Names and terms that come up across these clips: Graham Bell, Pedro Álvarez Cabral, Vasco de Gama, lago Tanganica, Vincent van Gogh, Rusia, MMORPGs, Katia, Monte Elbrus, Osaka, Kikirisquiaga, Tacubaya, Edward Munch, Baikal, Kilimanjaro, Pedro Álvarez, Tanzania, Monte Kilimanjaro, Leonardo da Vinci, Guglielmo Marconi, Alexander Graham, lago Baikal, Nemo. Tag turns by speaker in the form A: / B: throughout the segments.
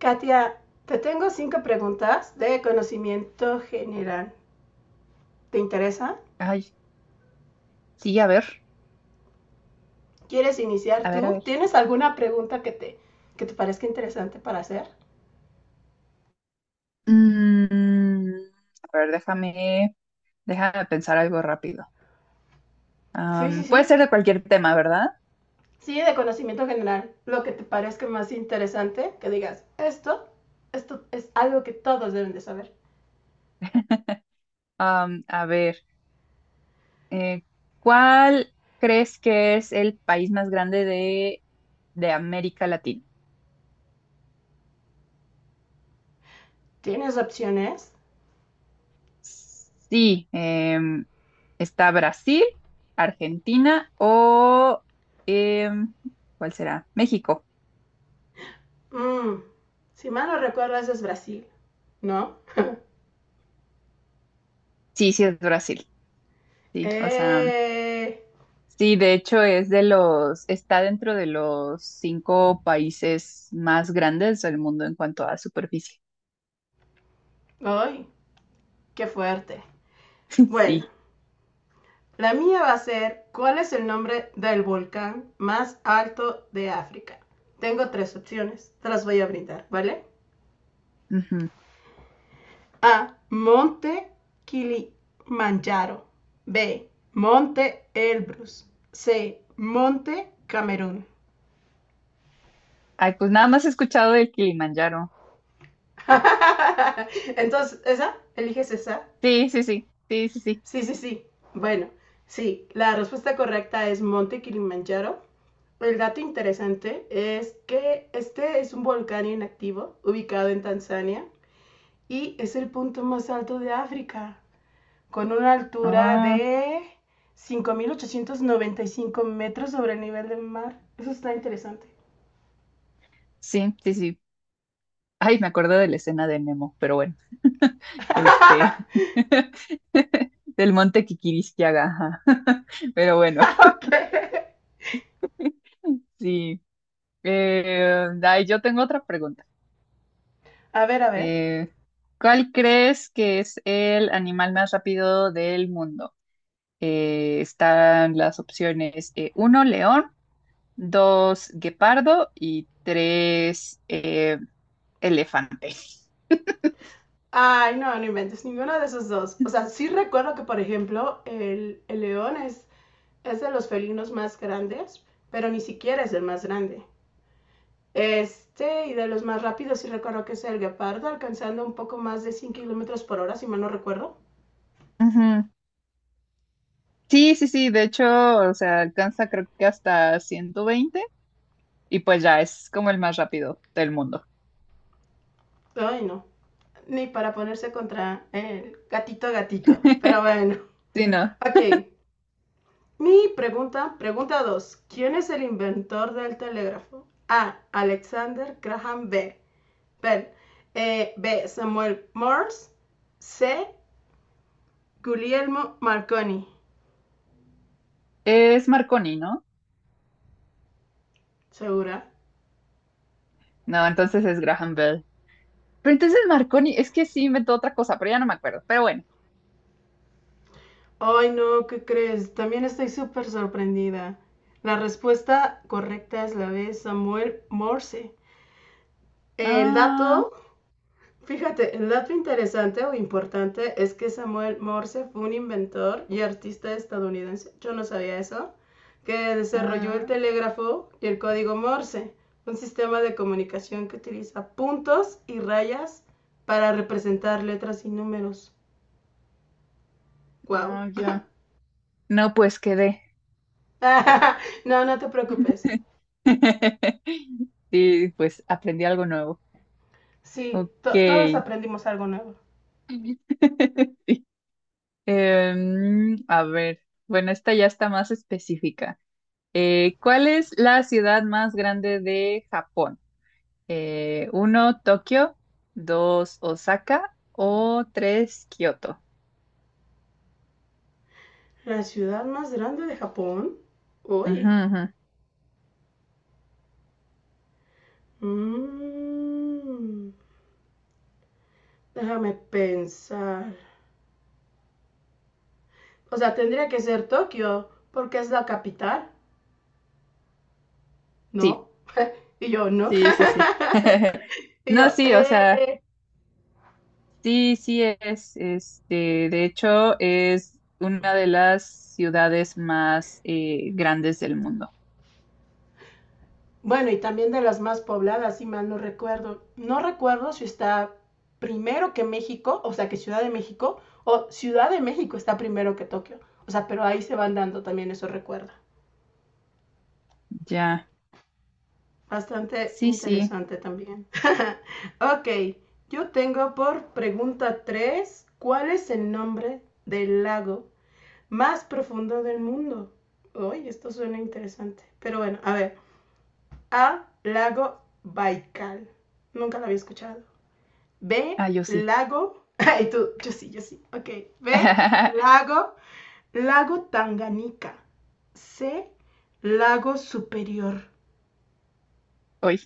A: Katia, te tengo cinco preguntas de conocimiento general. ¿Te interesa?
B: Ay, sí, a ver,
A: ¿Quieres iniciar
B: a ver, a
A: tú?
B: ver.
A: ¿Tienes alguna pregunta que te parezca interesante para hacer?
B: Mm, a ver, déjame pensar algo rápido.
A: Sí, sí,
B: Puede
A: sí.
B: ser de cualquier tema, ¿verdad?
A: Sí, de conocimiento general. Lo que te parezca más interesante, que digas, esto es algo que todos deben de saber.
B: A ver, eh, ¿cuál crees que es el país más grande de América Latina?
A: ¿Tienes opciones?
B: Sí, está Brasil, Argentina o em, ¿cuál será? México.
A: Mm, si mal no recuerdo, eso es Brasil, ¿no?
B: Sí, sí, es Brasil. Sí, o sea,
A: ¡Eh!
B: sí, de hecho es de los, está dentro de los cinco países más grandes del mundo en cuanto a superficie.
A: ¡Ay! ¡Qué fuerte! Bueno,
B: Sí.
A: la mía va a ser, ¿cuál es el nombre del volcán más alto de África? Tengo tres opciones, te las voy a brindar, ¿vale?
B: Ujú.
A: A, Monte Kilimanjaro. B, Monte Elbrus. C, Monte Camerún.
B: Ay, pues nada más he escuchado del Kilimanjaro.
A: Entonces, ¿esa? ¿Eliges esa?
B: Sí, sí, sí, sí, sí, sí.
A: Sí, sí, sí. Bueno, sí, la respuesta correcta es Monte Kilimanjaro. El dato interesante es que este es un volcán inactivo ubicado en Tanzania y es el punto más alto de África, con una altura
B: Ah,
A: de 5.895 metros sobre el nivel del mar. Eso está interesante.
B: sí, sí, sí. Ay, me acuerdo de la escena de Nemo, pero bueno. Este, del monte Kikirisquiaga. Ajá. Pero bueno,
A: Ok.
B: sí. Ay, yo tengo otra pregunta.
A: A ver, a ver.
B: Eh, ¿Cuál crees que es el animal más rápido del mundo? Están las opciones uno, león, dos, guepardo y tres, elefante.
A: Ay, no, no inventes ninguno de esos dos. O sea, sí recuerdo que, por ejemplo, el león es de los felinos más grandes, pero ni siquiera es el más grande. Este, y de los más rápidos, sí recuerdo que es el guepardo, alcanzando un poco más de 100 kilómetros por hora, si mal no recuerdo.
B: Ujú. Sí, sí, sí, de hecho, o sea, alcanza creo que hasta 120 y pues ya es como el más rápido del mundo.
A: Ay, no. Ni para ponerse contra el gatito gatito. Pero bueno.
B: Sí, no.
A: Ok. Mi pregunta 2. ¿Quién es el inventor del telégrafo? A, Alexander Graham B. Ben, B, Samuel Morse. C, Guglielmo Marconi.
B: Es Marconi, ¿no?
A: ¿Segura?
B: No, entonces es Graham Bell. Pero entonces Marconi, es que sí inventó otra cosa, pero ya no me acuerdo. Pero bueno.
A: Ay, no, ¿qué crees? También estoy súper sorprendida. La respuesta correcta es la B, Samuel Morse. El
B: Ah.
A: dato... Fíjate, el dato interesante o importante es que Samuel Morse fue un inventor y artista estadounidense, yo no sabía eso, que desarrolló el
B: Ah,
A: telégrafo y el código Morse, un sistema de comunicación que utiliza puntos y rayas para representar letras y números. ¡Guau!
B: no, yo. No, pues quedé.
A: No, no te preocupes.
B: Sí, pues aprendí algo nuevo.
A: Sí,
B: Ok.
A: todos aprendimos algo nuevo.
B: A ver, bueno, esta ya está más específica. ¿Cuál es la ciudad más grande de Japón? Uno, Tokio, dos, Osaka o tres, Kioto.
A: La ciudad más grande de Japón.
B: Ujú,
A: Uy.
B: ujú.
A: Mm. Déjame pensar. O sea, tendría que ser Tokio, porque es la capital,
B: Sí,
A: ¿no? Y yo, ¿no?
B: sí, sí, sí.
A: Y
B: No,
A: yo,
B: sí, o sea.
A: eh.
B: Sí, sí es, este, de hecho es una de las ciudades más grandes del mundo.
A: Bueno, y también de las más pobladas, si mal no recuerdo. No recuerdo si está primero que México, o sea, que Ciudad de México, o Ciudad de México está primero que Tokio. O sea, pero ahí se van dando también esos recuerdos.
B: Ya,
A: Bastante
B: sí, sí,
A: interesante también. Ok, yo tengo por pregunta tres, ¿cuál es el nombre del lago más profundo del mundo? Uy, esto suena interesante. Pero bueno, a ver. A, lago Baikal. Nunca lo había escuchado. B,
B: ah, yo sí.
A: lago... Ay, tú, yo sí, yo sí. Ok. B, lago, lago Tanganica. C, lago superior.
B: Hoy,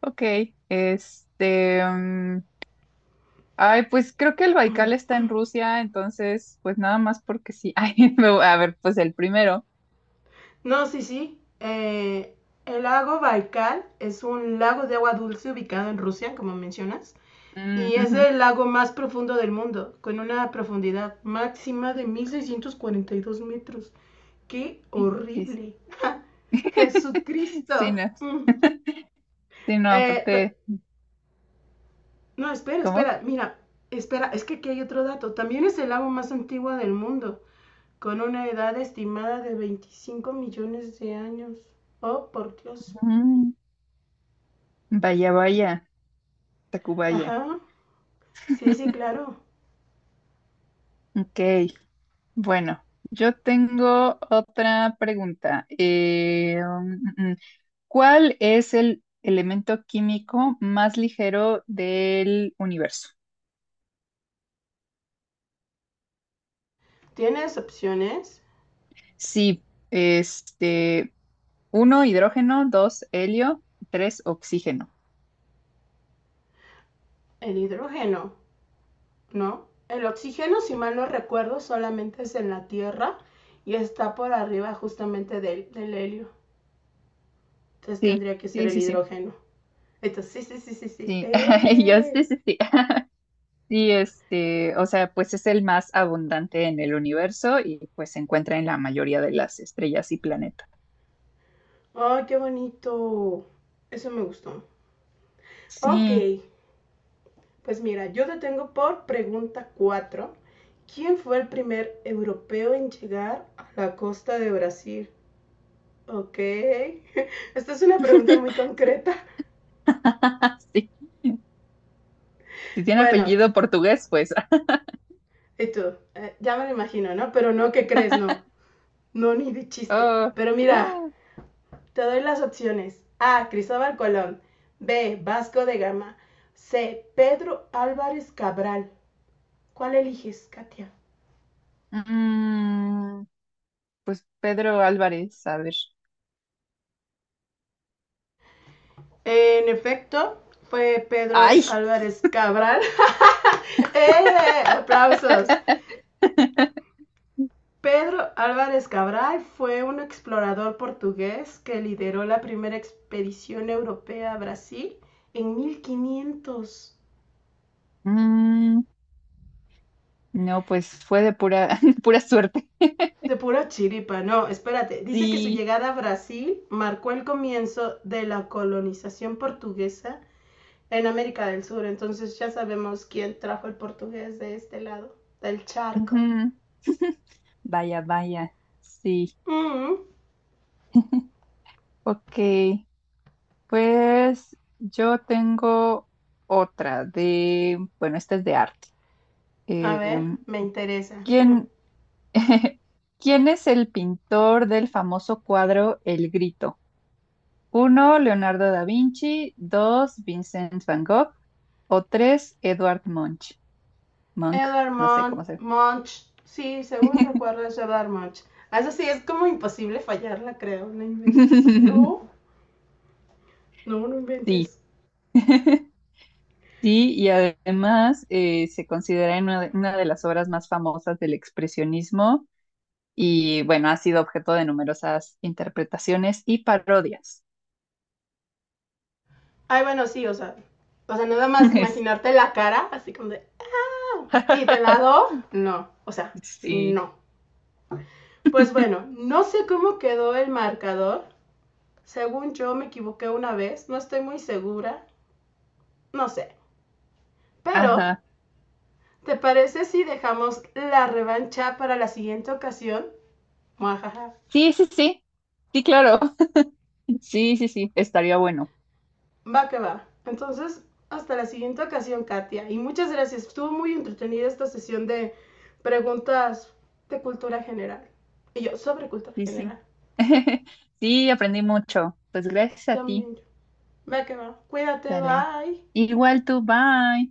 B: ok, este, ay, pues creo que el
A: Mm,
B: Baikal está en Rusia, entonces, pues nada más porque sí. Ay, me a ver, pues el primero.
A: no, sí, sí. El lago Baikal es un lago de agua dulce ubicado en Rusia, como mencionas,
B: Mm,
A: y es
B: ujú,
A: el lago más profundo del mundo, con una profundidad máxima de 1642 metros. ¡Qué
B: sí,
A: horrible! ¡Ja!
B: sí,
A: ¡Jesucristo!
B: no,
A: Mm.
B: sí, no,
A: Eh,
B: aparte,
A: no,
B: ¿cómo?
A: mira, espera, es que aquí hay otro dato. También es el lago más antiguo del mundo, con una edad estimada de 25 millones de años. Oh, por Dios.
B: Mm, Vaya, vaya, Tacubaya.
A: Ajá. Sí, sí, claro.
B: Ok, bueno, yo tengo otra pregunta. ¿Cuál es el elemento químico más ligero del universo?
A: Tienes opciones.
B: Sí, este, uno, hidrógeno, dos, helio, tres, oxígeno.
A: El hidrógeno, ¿no? El oxígeno, si mal no recuerdo, solamente es en la Tierra y está por arriba justamente del helio. Entonces
B: Sí,
A: tendría que ser
B: sí,
A: el
B: sí, sí,
A: hidrógeno. Entonces, sí, sí, sí, sí, sí.
B: sí. Yo sí,
A: ¡Eh!
B: sí, sí. Sí, este, o sea, pues es el más abundante en el universo y pues se encuentra en la mayoría de las estrellas y planetas.
A: ¡Ay, qué bonito! Eso me gustó. Ok,
B: Sí.
A: pues mira, yo te tengo por pregunta 4. ¿Quién fue el primer europeo en llegar a la costa de Brasil? Ok. Esta es una pregunta muy concreta.
B: Sí. Si tiene
A: Bueno,
B: apellido portugués, pues.
A: y tú, eh, ya me lo imagino, ¿no? Pero no, ¿qué crees? No, no, ni de chiste.
B: Ah,
A: Pero mira,
B: oh.
A: te doy las opciones. A, Cristóbal Colón. B, Vasco de Gama. C, Pedro Álvarez Cabral. ¿Cuál eliges, Katia?
B: Mm, pues Pedro Álvarez, a ver.
A: En efecto, fue Pedro
B: ¡Ay!
A: Álvarez Cabral. ¡Eh! ¡Aplausos! Pedro Álvarez Cabral fue un explorador portugués que lideró la primera expedición europea a Brasil en 1500.
B: Mm, no, pues fue de pura, pura suerte.
A: De pura chiripa, no, espérate. Dice que su
B: Sí.
A: llegada a Brasil marcó el comienzo de la colonización portuguesa en América del Sur. Entonces ya sabemos quién trajo el portugués de este lado, del charco.
B: Ujú. Vaya, vaya. Sí.
A: Mm,
B: Ok. Pues yo tengo otra de, bueno, esta es de arte.
A: a
B: Eh,
A: ver, me interesa.
B: ¿quién, ¿Quién es el pintor del famoso cuadro El Grito? Uno, Leonardo da Vinci. Dos, Vincent van Gogh. O tres, Edward Munch. Monk,
A: Edward
B: no sé
A: Munch,
B: cómo se ve.
A: Munch. Sí, según recuerdo es Edward Munch. Eso sí, es como imposible fallarla, creo. No inventes. No, no, no
B: Sí.
A: inventes.
B: Sí, y además se considera en una de las obras más famosas del expresionismo y bueno, ha sido objeto de numerosas interpretaciones y parodias.
A: Ay, bueno, sí, o sea. O sea, nada más imaginarte la cara, así como de. ¡Ah! Y de lado, no. O sea,
B: Sí,
A: no. Pues bueno, no sé cómo quedó el marcador. Según yo me equivoqué una vez, no estoy muy segura. No sé. Pero,
B: ajá.
A: ¿te parece si dejamos la revancha para la siguiente ocasión? Muajaja.
B: Sí, sí, sí, sí, claro. Sí, sí, sí, estaría bueno.
A: Va que va. Entonces, hasta la siguiente ocasión, Katia. Y muchas gracias. Estuvo muy entretenida esta sesión de preguntas de cultura general. Y yo, sobre cultura
B: Sí, sí.
A: general.
B: Sí, aprendí mucho. Pues gracias a ti.
A: También yo. Va que va. Cuídate,
B: Dale.
A: bye.
B: Igual tú, bye.